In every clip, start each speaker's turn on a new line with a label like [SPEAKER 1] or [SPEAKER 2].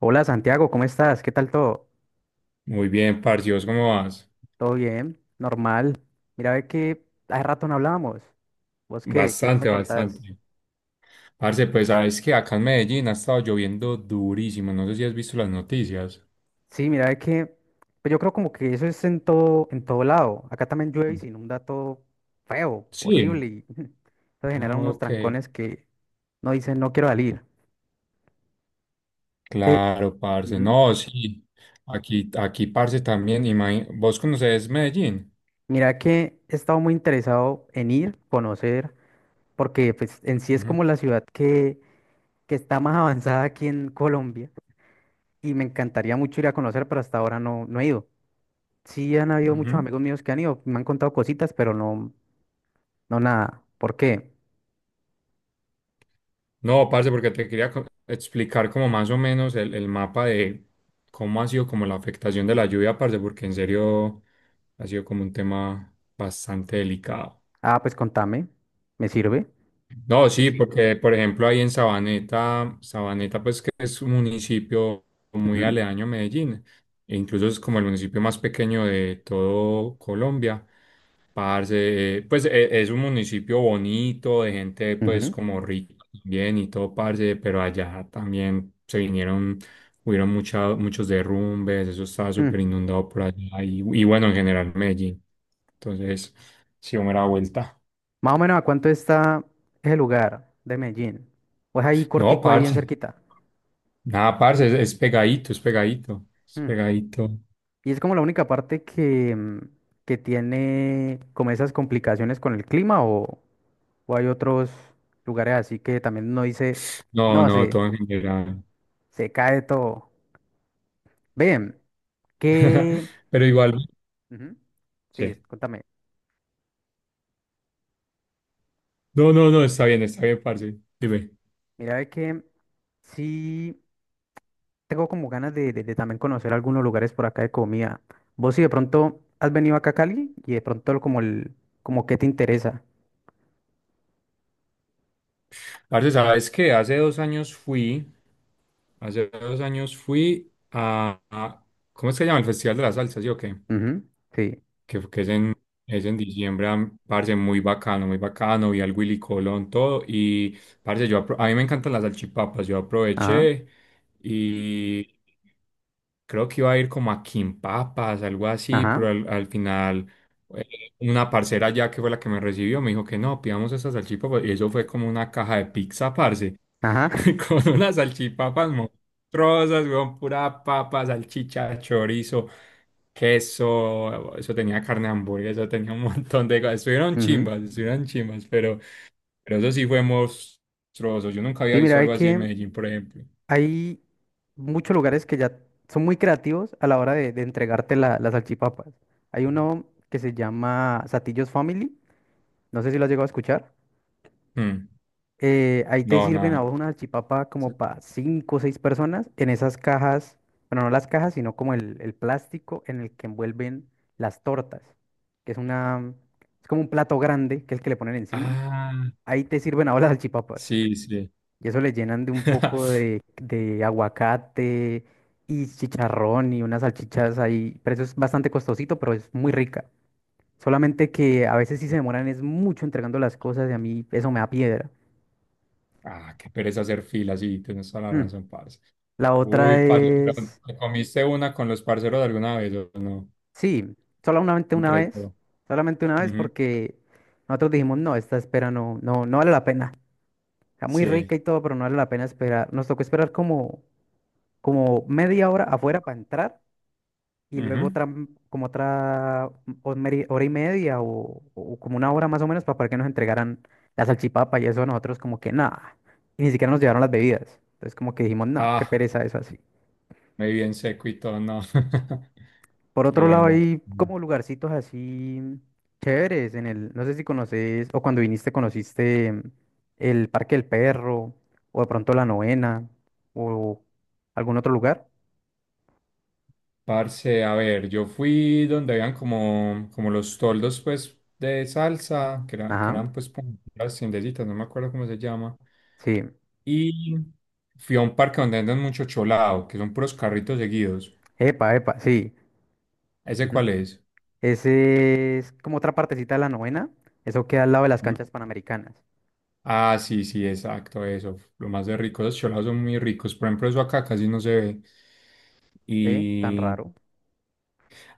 [SPEAKER 1] Hola Santiago, ¿cómo estás? ¿Qué tal todo?
[SPEAKER 2] Muy bien, parce, ¿y vos cómo vas?
[SPEAKER 1] ¿Todo bien? ¿Normal? Mira, ve que hace rato no hablábamos. ¿Vos qué? ¿Qué me
[SPEAKER 2] Bastante,
[SPEAKER 1] contás?
[SPEAKER 2] bastante. Parce, pues sabes que acá en Medellín ha estado lloviendo durísimo. No sé si has visto las noticias.
[SPEAKER 1] Sí, mira, ve que pues yo creo como que eso es en todo lado. Acá también llueve y se inunda todo feo, horrible
[SPEAKER 2] Sí.
[SPEAKER 1] y eso genera unos
[SPEAKER 2] Ok.
[SPEAKER 1] trancones que no dicen no quiero salir. Eh,
[SPEAKER 2] Claro, parce.
[SPEAKER 1] ujú.
[SPEAKER 2] No, sí. Aquí, parce, también. ¿Vos conoces Medellín?
[SPEAKER 1] Mira que he estado muy interesado en ir, conocer, porque pues en sí es
[SPEAKER 2] Ujú,
[SPEAKER 1] como la ciudad que está más avanzada aquí en Colombia y me encantaría mucho ir a conocer, pero hasta ahora no, no he ido. Sí han habido muchos
[SPEAKER 2] ujú.
[SPEAKER 1] amigos míos que han ido, me han contado cositas, pero no, no nada. ¿Por qué?
[SPEAKER 2] No, parce, porque te quería explicar como más o menos el mapa de cómo ha sido como la afectación de la lluvia, parce, porque en serio ha sido como un tema bastante delicado.
[SPEAKER 1] Ah, pues contame, me sirve.
[SPEAKER 2] No, sí, porque por ejemplo ahí en Sabaneta, Sabaneta pues que es un municipio muy
[SPEAKER 1] Ujú,
[SPEAKER 2] aledaño a Medellín, e incluso es como el municipio más pequeño de todo Colombia. Parce, pues es un municipio bonito, de gente pues
[SPEAKER 1] ujú.
[SPEAKER 2] como rica bien y todo, parce, pero allá también se vinieron, hubieron muchos derrumbes, eso estaba súper
[SPEAKER 1] Mm.
[SPEAKER 2] inundado por allá y bueno, en general Medellín. Entonces, sí, me da vuelta.
[SPEAKER 1] Más o menos a cuánto está ese lugar de Medellín. Pues ahí
[SPEAKER 2] No,
[SPEAKER 1] cortico, ahí bien
[SPEAKER 2] parce.
[SPEAKER 1] cerquita.
[SPEAKER 2] Nada, parce, es pegadito, es pegadito, es
[SPEAKER 1] Mm.
[SPEAKER 2] pegadito.
[SPEAKER 1] Y es como la única parte que, que tiene como esas complicaciones con el clima o hay otros lugares así que también no dice,
[SPEAKER 2] No,
[SPEAKER 1] no,
[SPEAKER 2] no,
[SPEAKER 1] se,
[SPEAKER 2] todo en general.
[SPEAKER 1] se cae todo. Bien. Que,
[SPEAKER 2] Pero igual,
[SPEAKER 1] ujú, sí,
[SPEAKER 2] sí.
[SPEAKER 1] contame.
[SPEAKER 2] No, no, no, está bien, parce. Dime.
[SPEAKER 1] Mira, ve que sí tengo como ganas de, de también conocer algunos lugares por acá de comida. Vos si de pronto has venido acá a Cali y de pronto como el, como qué te interesa.
[SPEAKER 2] Parce, ¿sabes qué? Hace dos años fui ¿cómo es que se llama? El Festival de la Salsa, ¿sí o qué?
[SPEAKER 1] Ujú, sí,
[SPEAKER 2] Que es en diciembre, parce, muy bacano, vi al Willy Colón, todo, y parce, yo, a mí me encantan las salchipapas, yo
[SPEAKER 1] ajá,
[SPEAKER 2] aproveché y creo que iba a ir como a Quimpapas, algo así,
[SPEAKER 1] ajá,
[SPEAKER 2] pero al final eh, una parcera ya que fue la que me recibió, me dijo que no, pidamos esas salchipapas, y eso fue como una caja de pizza, parce.
[SPEAKER 1] ajá.
[SPEAKER 2] Con unas salchipapas monstruosas, weón, pura papa, salchicha, chorizo, queso, eso tenía carne de hamburguesa, eso tenía un montón de cosas.
[SPEAKER 1] ujú.
[SPEAKER 2] Estuvieron chimbas, pero, eso sí fue monstruoso. Yo nunca había
[SPEAKER 1] Sí,
[SPEAKER 2] visto
[SPEAKER 1] mira, hay
[SPEAKER 2] algo así en
[SPEAKER 1] que
[SPEAKER 2] Medellín, por ejemplo.
[SPEAKER 1] hay muchos lugares que ya son muy creativos a la hora de entregarte las salchipapas. Hay uno que se llama Satillos Family, no sé si lo has llegado a escuchar.
[SPEAKER 2] Mm,
[SPEAKER 1] Eh, ahí te
[SPEAKER 2] no,
[SPEAKER 1] sirven a
[SPEAKER 2] nada.
[SPEAKER 1] vos una salchipapa
[SPEAKER 2] Se-
[SPEAKER 1] como para cinco o seis personas en esas cajas, bueno, no las cajas, sino como el plástico en el que envuelven las tortas, que es una, es como un plato grande, que es el que le ponen encima.
[SPEAKER 2] Ah,
[SPEAKER 1] Ahí te sirven ahora las salchipapas.
[SPEAKER 2] sí, sí.
[SPEAKER 1] Y eso le llenan de un poco de aguacate y chicharrón y unas salchichas ahí. Pero eso es bastante costosito, pero es muy rica. Solamente que a veces sí se demoran, es mucho entregando las cosas y a mí eso me da piedra.
[SPEAKER 2] Ah, qué pereza hacer filas, sí, tienes toda la
[SPEAKER 1] Mm.
[SPEAKER 2] razón, parce.
[SPEAKER 1] La
[SPEAKER 2] Uy,
[SPEAKER 1] otra
[SPEAKER 2] parce, pero
[SPEAKER 1] es,
[SPEAKER 2] ¿te comiste una con los parceros de alguna vez o no?
[SPEAKER 1] sí, solamente una
[SPEAKER 2] Entre
[SPEAKER 1] vez,
[SPEAKER 2] todo.
[SPEAKER 1] solamente una vez porque nosotros dijimos, no, esta espera no, no, no vale la pena. Está muy
[SPEAKER 2] Sí.
[SPEAKER 1] rica y todo, pero no vale la pena esperar. Nos tocó esperar como, como media hora afuera para entrar y luego
[SPEAKER 2] Ujú.
[SPEAKER 1] otra, como otra o hora y media o como una hora más o menos para que nos entregaran la salchipapa y eso nosotros como que nada. Y ni siquiera nos llevaron las bebidas. Entonces como que dijimos, no, qué
[SPEAKER 2] Ah,
[SPEAKER 1] pereza eso así.
[SPEAKER 2] muy bien seco y todo, no.
[SPEAKER 1] Por
[SPEAKER 2] Qué
[SPEAKER 1] otro lado,
[SPEAKER 2] buena.
[SPEAKER 1] hay
[SPEAKER 2] Mm.
[SPEAKER 1] como lugarcitos así chéveres en el, no sé si conoces, o cuando viniste conociste el Parque del Perro, o de pronto la Novena, o algún otro lugar.
[SPEAKER 2] Parce, a ver, yo fui donde habían como los toldos, pues, de salsa, que
[SPEAKER 1] Ajá,
[SPEAKER 2] eran, pues, como las tiendecitas, no me acuerdo cómo se llama.
[SPEAKER 1] sí.
[SPEAKER 2] Y fui a un parque donde andan mucho cholado, que son puros carritos seguidos.
[SPEAKER 1] Epa, epa, sí.
[SPEAKER 2] ¿Ese
[SPEAKER 1] Ujú.
[SPEAKER 2] cuál es?
[SPEAKER 1] Ese es como otra partecita de la Novena. Eso queda al lado de las
[SPEAKER 2] Mm.
[SPEAKER 1] canchas panamericanas.
[SPEAKER 2] Ah, sí, sí, exacto, eso. Lo más de rico, los cholados son muy ricos. Por ejemplo, eso acá casi no se ve.
[SPEAKER 1] ¿Ve? Tan
[SPEAKER 2] Y
[SPEAKER 1] raro.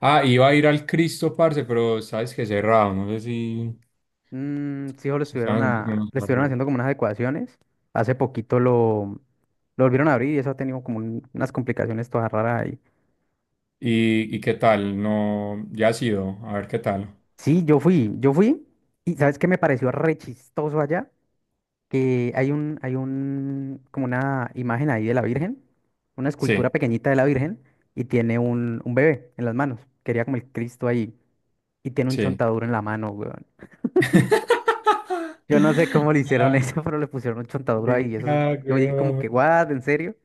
[SPEAKER 2] Ah, iba a ir al Cristo, parce, pero sabes que cerrado, no sé si,
[SPEAKER 1] Mm, sí, o le
[SPEAKER 2] si
[SPEAKER 1] estuvieron
[SPEAKER 2] saben cómo
[SPEAKER 1] a, le estuvieron
[SPEAKER 2] es.
[SPEAKER 1] haciendo como unas adecuaciones. Hace poquito lo volvieron a abrir y eso ha tenido como unas complicaciones todas raras ahí.
[SPEAKER 2] ¿Y qué tal? No, ya ha sido, a ver qué tal.
[SPEAKER 1] Sí, yo fui, y ¿sabes qué me pareció re chistoso allá? Que hay un, como una imagen ahí de la Virgen, una escultura
[SPEAKER 2] Sí,
[SPEAKER 1] pequeñita de la Virgen, y tiene un bebé en las manos, quería como el Cristo ahí, y tiene un
[SPEAKER 2] sí.
[SPEAKER 1] chontaduro en la mano, weón. Yo no sé cómo le hicieron
[SPEAKER 2] Ay,
[SPEAKER 1] eso, pero le pusieron un chontaduro
[SPEAKER 2] qué
[SPEAKER 1] ahí, y eso, yo dije como
[SPEAKER 2] cago.
[SPEAKER 1] que, what, ¿en serio?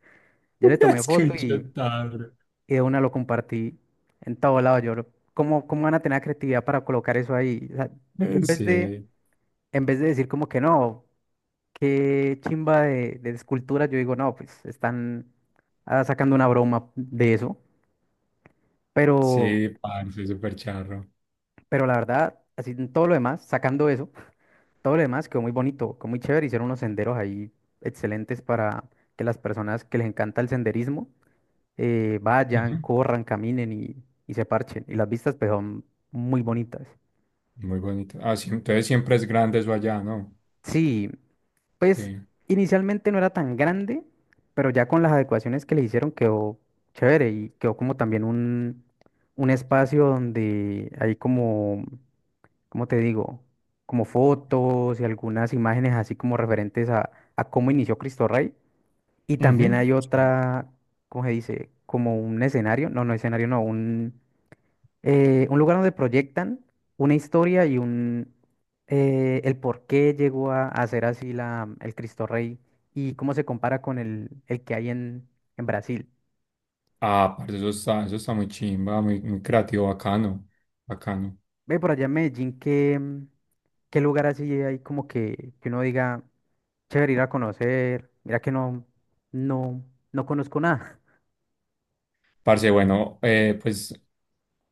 [SPEAKER 1] Yo le tomé
[SPEAKER 2] Es que
[SPEAKER 1] foto
[SPEAKER 2] un chotarro.
[SPEAKER 1] y de una lo compartí en todo lado, yo, lo- ¿cómo, cómo van a tener la creatividad para colocar eso ahí? O sea, yo
[SPEAKER 2] Sí,
[SPEAKER 1] en vez de decir como que no, qué chimba de escultura. Yo digo, no, pues están ah, sacando una broma de eso. Pero,
[SPEAKER 2] sí, parce, súper charro.
[SPEAKER 1] pero la verdad, así en todo lo demás, sacando eso, todo lo demás quedó muy bonito, quedó muy chévere. Hicieron unos senderos ahí excelentes para que las personas que les encanta el senderismo
[SPEAKER 2] Ujú.
[SPEAKER 1] vayan, corran, caminen y se parchen. Y las vistas pues son muy bonitas.
[SPEAKER 2] Muy bonito. Ah, sí, entonces siempre es grande eso allá, ¿no?
[SPEAKER 1] Sí, pues
[SPEAKER 2] Sí.
[SPEAKER 1] inicialmente no era tan grande, pero ya con las adecuaciones que le hicieron quedó chévere y quedó como también un espacio donde hay como, ¿cómo te digo? Como fotos y algunas imágenes así como referentes a cómo inició Cristo Rey. Y también
[SPEAKER 2] Ujú.
[SPEAKER 1] hay otra, ¿cómo se dice? Como un escenario, no, no escenario, no, un lugar donde proyectan una historia y un el por qué llegó a ser así la, el Cristo Rey y cómo se compara con el que hay en Brasil.
[SPEAKER 2] Ah, parce, eso está muy chimba, muy, muy creativo, bacano, bacano.
[SPEAKER 1] Ve por allá en Medellín, ¿qué, qué lugar así hay como que uno diga, chévere ir a conocer? Mira que no, no, no conozco nada.
[SPEAKER 2] Parce, bueno, pues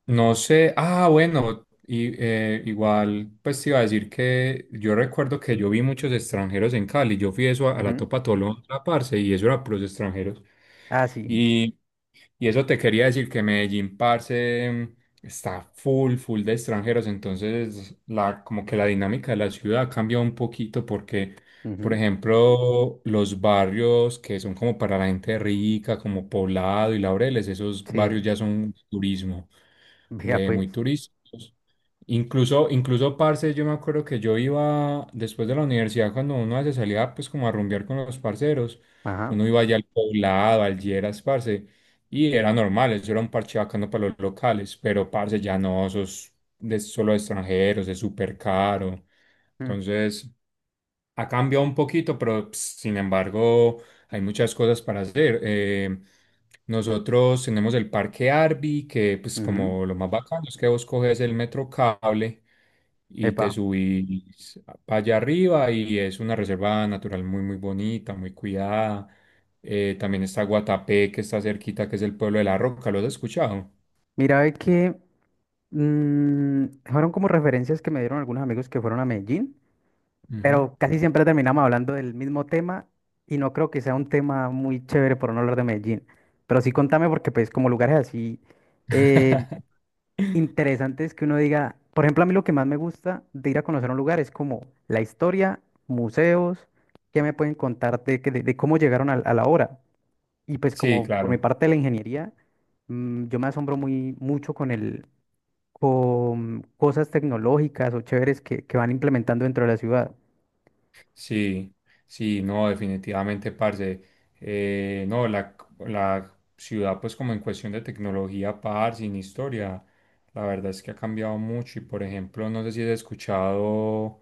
[SPEAKER 2] no sé, ah, bueno, y, igual, pues te iba a decir que yo recuerdo que yo vi muchos extranjeros en Cali, yo fui eso a, a la
[SPEAKER 1] Ujú.
[SPEAKER 2] Topa Tolón, parce, y eso era puros extranjeros.
[SPEAKER 1] Ah, sí.
[SPEAKER 2] Y eso te quería decir que Medellín, parce, está full, full de extranjeros, entonces como que la dinámica de la ciudad cambia un poquito porque, por
[SPEAKER 1] Ujú,
[SPEAKER 2] ejemplo, los barrios que son como para la gente rica, como Poblado y Laureles, esos barrios
[SPEAKER 1] sí.
[SPEAKER 2] ya son turismo,
[SPEAKER 1] Vea
[SPEAKER 2] de muy
[SPEAKER 1] pues.
[SPEAKER 2] turísticos. Incluso, parce, yo me acuerdo que yo iba después de la universidad, cuando uno se salía pues como a rumbear con los parceros,
[SPEAKER 1] Ajá.
[SPEAKER 2] uno iba allá al poblado, al Lleras, parce, y era normal, eso era un parche bacano para los locales, pero parce, ya no, eso es solo de extranjeros, es súper caro.
[SPEAKER 1] mm,
[SPEAKER 2] Entonces, ha cambiado un poquito, pero sin embargo hay muchas cosas para hacer. Nosotros tenemos el Parque Arby, que pues
[SPEAKER 1] ujú,
[SPEAKER 2] como lo más bacano es que vos coges el metro cable y te
[SPEAKER 1] Epa.
[SPEAKER 2] subís para allá arriba y es una reserva natural muy muy bonita, muy cuidada. También está Guatapé, que está cerquita, que es el pueblo de La Roca. ¿Lo has escuchado?
[SPEAKER 1] Mira, ve que mm, fueron como referencias que me dieron algunos amigos que fueron a Medellín,
[SPEAKER 2] Ujú.
[SPEAKER 1] pero casi siempre terminamos hablando del mismo tema y no creo que sea un tema muy chévere por no hablar de Medellín. Pero sí contame porque pues como lugares así eh, interesantes que uno diga, por ejemplo, a mí lo que más me gusta de ir a conocer un lugar es como la historia, museos, qué me pueden contar de, de cómo llegaron a la hora. Y pues
[SPEAKER 2] Sí,
[SPEAKER 1] como por mi
[SPEAKER 2] claro.
[SPEAKER 1] parte de la ingeniería, yo me asombro muy mucho con el con cosas tecnológicas o chéveres que van implementando dentro de la ciudad.
[SPEAKER 2] Sí, sí, no, definitivamente, parce. No, la, ciudad, pues como en cuestión de tecnología, parce, sin historia, la verdad es que ha cambiado mucho. Y por ejemplo, no sé si has escuchado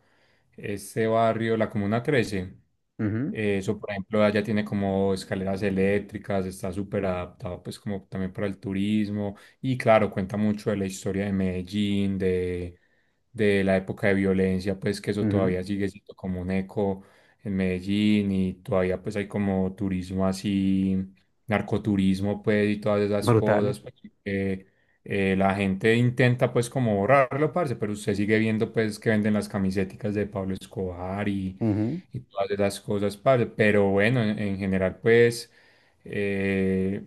[SPEAKER 2] este barrio, la Comuna Trece.
[SPEAKER 1] Ujú,
[SPEAKER 2] Eso, por ejemplo, allá tiene como escaleras eléctricas, está súper adaptado pues como también para el turismo y claro, cuenta mucho de la historia de Medellín, de la época de violencia, pues que eso
[SPEAKER 1] ujú,
[SPEAKER 2] todavía sigue siendo como un eco en Medellín y todavía pues hay como turismo así, narcoturismo pues y todas esas
[SPEAKER 1] Brutal.
[SPEAKER 2] cosas, pues, que la gente intenta pues como borrarlo, parce, pero usted sigue viendo pues que venden las camisetas de Pablo Escobar y,
[SPEAKER 1] Ujú,
[SPEAKER 2] y todas esas cosas, parce. Pero bueno, en, general pues eh,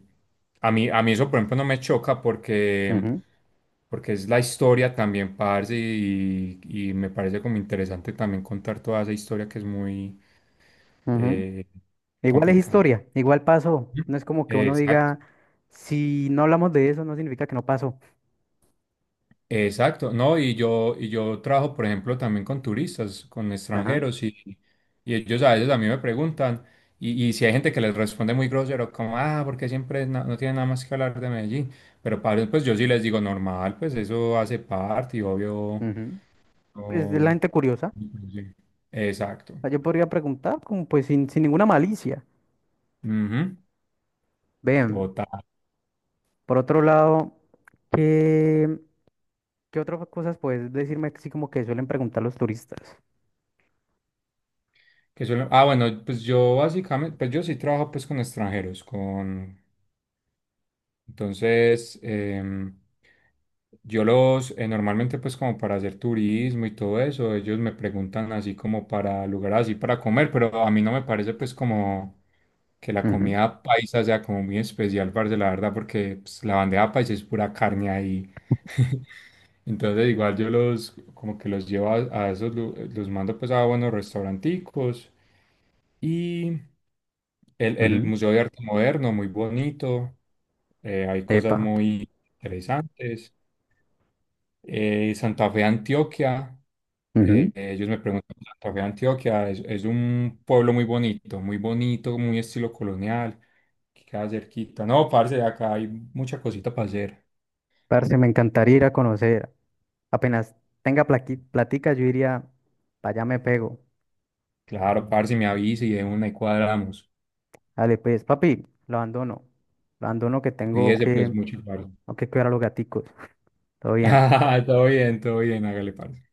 [SPEAKER 2] a mí eso por ejemplo no me choca porque,
[SPEAKER 1] ujú,
[SPEAKER 2] porque es la historia también, parce, y me parece como interesante también contar toda esa historia que es muy
[SPEAKER 1] ujú.
[SPEAKER 2] eh,
[SPEAKER 1] Igual es
[SPEAKER 2] complicada.
[SPEAKER 1] historia, igual pasó.
[SPEAKER 2] Ujú.
[SPEAKER 1] No es como que uno
[SPEAKER 2] Exacto.
[SPEAKER 1] diga, si no hablamos de eso, no significa que no pasó.
[SPEAKER 2] Exacto, no, y yo trabajo, por ejemplo, también con turistas, con
[SPEAKER 1] Ajá.
[SPEAKER 2] extranjeros, y ellos a veces a mí me preguntan, y si hay gente que les responde muy grosero, como, ah, porque siempre no tiene nada más que hablar de Medellín, pero para ellos, pues yo sí les digo normal, pues eso hace parte, y obvio,
[SPEAKER 1] Ujú. Pues es la
[SPEAKER 2] no-
[SPEAKER 1] gente curiosa. O
[SPEAKER 2] sí. Exacto,
[SPEAKER 1] sea, yo podría preguntar, como pues sin, sin ninguna malicia.
[SPEAKER 2] Ujú,
[SPEAKER 1] Ven,
[SPEAKER 2] Total.
[SPEAKER 1] por otro lado, ¿qué, qué otras cosas puedes decirme así como que suelen preguntar los turistas?
[SPEAKER 2] Que suelen ah, bueno, pues yo básicamente, pues yo sí trabajo pues con extranjeros, con Entonces, yo los, normalmente pues como para hacer turismo y todo eso, ellos me preguntan así como para lugares así para comer, pero a mí no me parece pues como que la
[SPEAKER 1] Ujú,
[SPEAKER 2] comida paisa sea como muy especial, parce, la verdad, porque pues, la bandeja paisa es pura carne ahí. Entonces igual yo los como que los llevo a esos, los mando pues a buenos restauranticos y el
[SPEAKER 1] ujú.
[SPEAKER 2] Museo de Arte Moderno, muy bonito, hay cosas
[SPEAKER 1] Epa.
[SPEAKER 2] muy interesantes. Santa Fe, Antioquia,
[SPEAKER 1] Ujú.
[SPEAKER 2] ellos me preguntan, Santa Fe, Antioquia, es un pueblo muy bonito, muy bonito, muy estilo colonial, que queda cerquita. No, parce, acá hay mucha cosita para hacer.
[SPEAKER 1] Parce, me encantaría ir a conocer. Apenas tenga platica, yo iría, para allá me pego.
[SPEAKER 2] Claro, parce, me avisa y de una y cuadramos.
[SPEAKER 1] Dale, pues, papi, lo abandono. Lo abandono que tengo
[SPEAKER 2] Cuídese
[SPEAKER 1] que,
[SPEAKER 2] pues mucho, parce.
[SPEAKER 1] tengo que cuidar a los gaticos. Todo bien.
[SPEAKER 2] Todo bien, hágale, parce.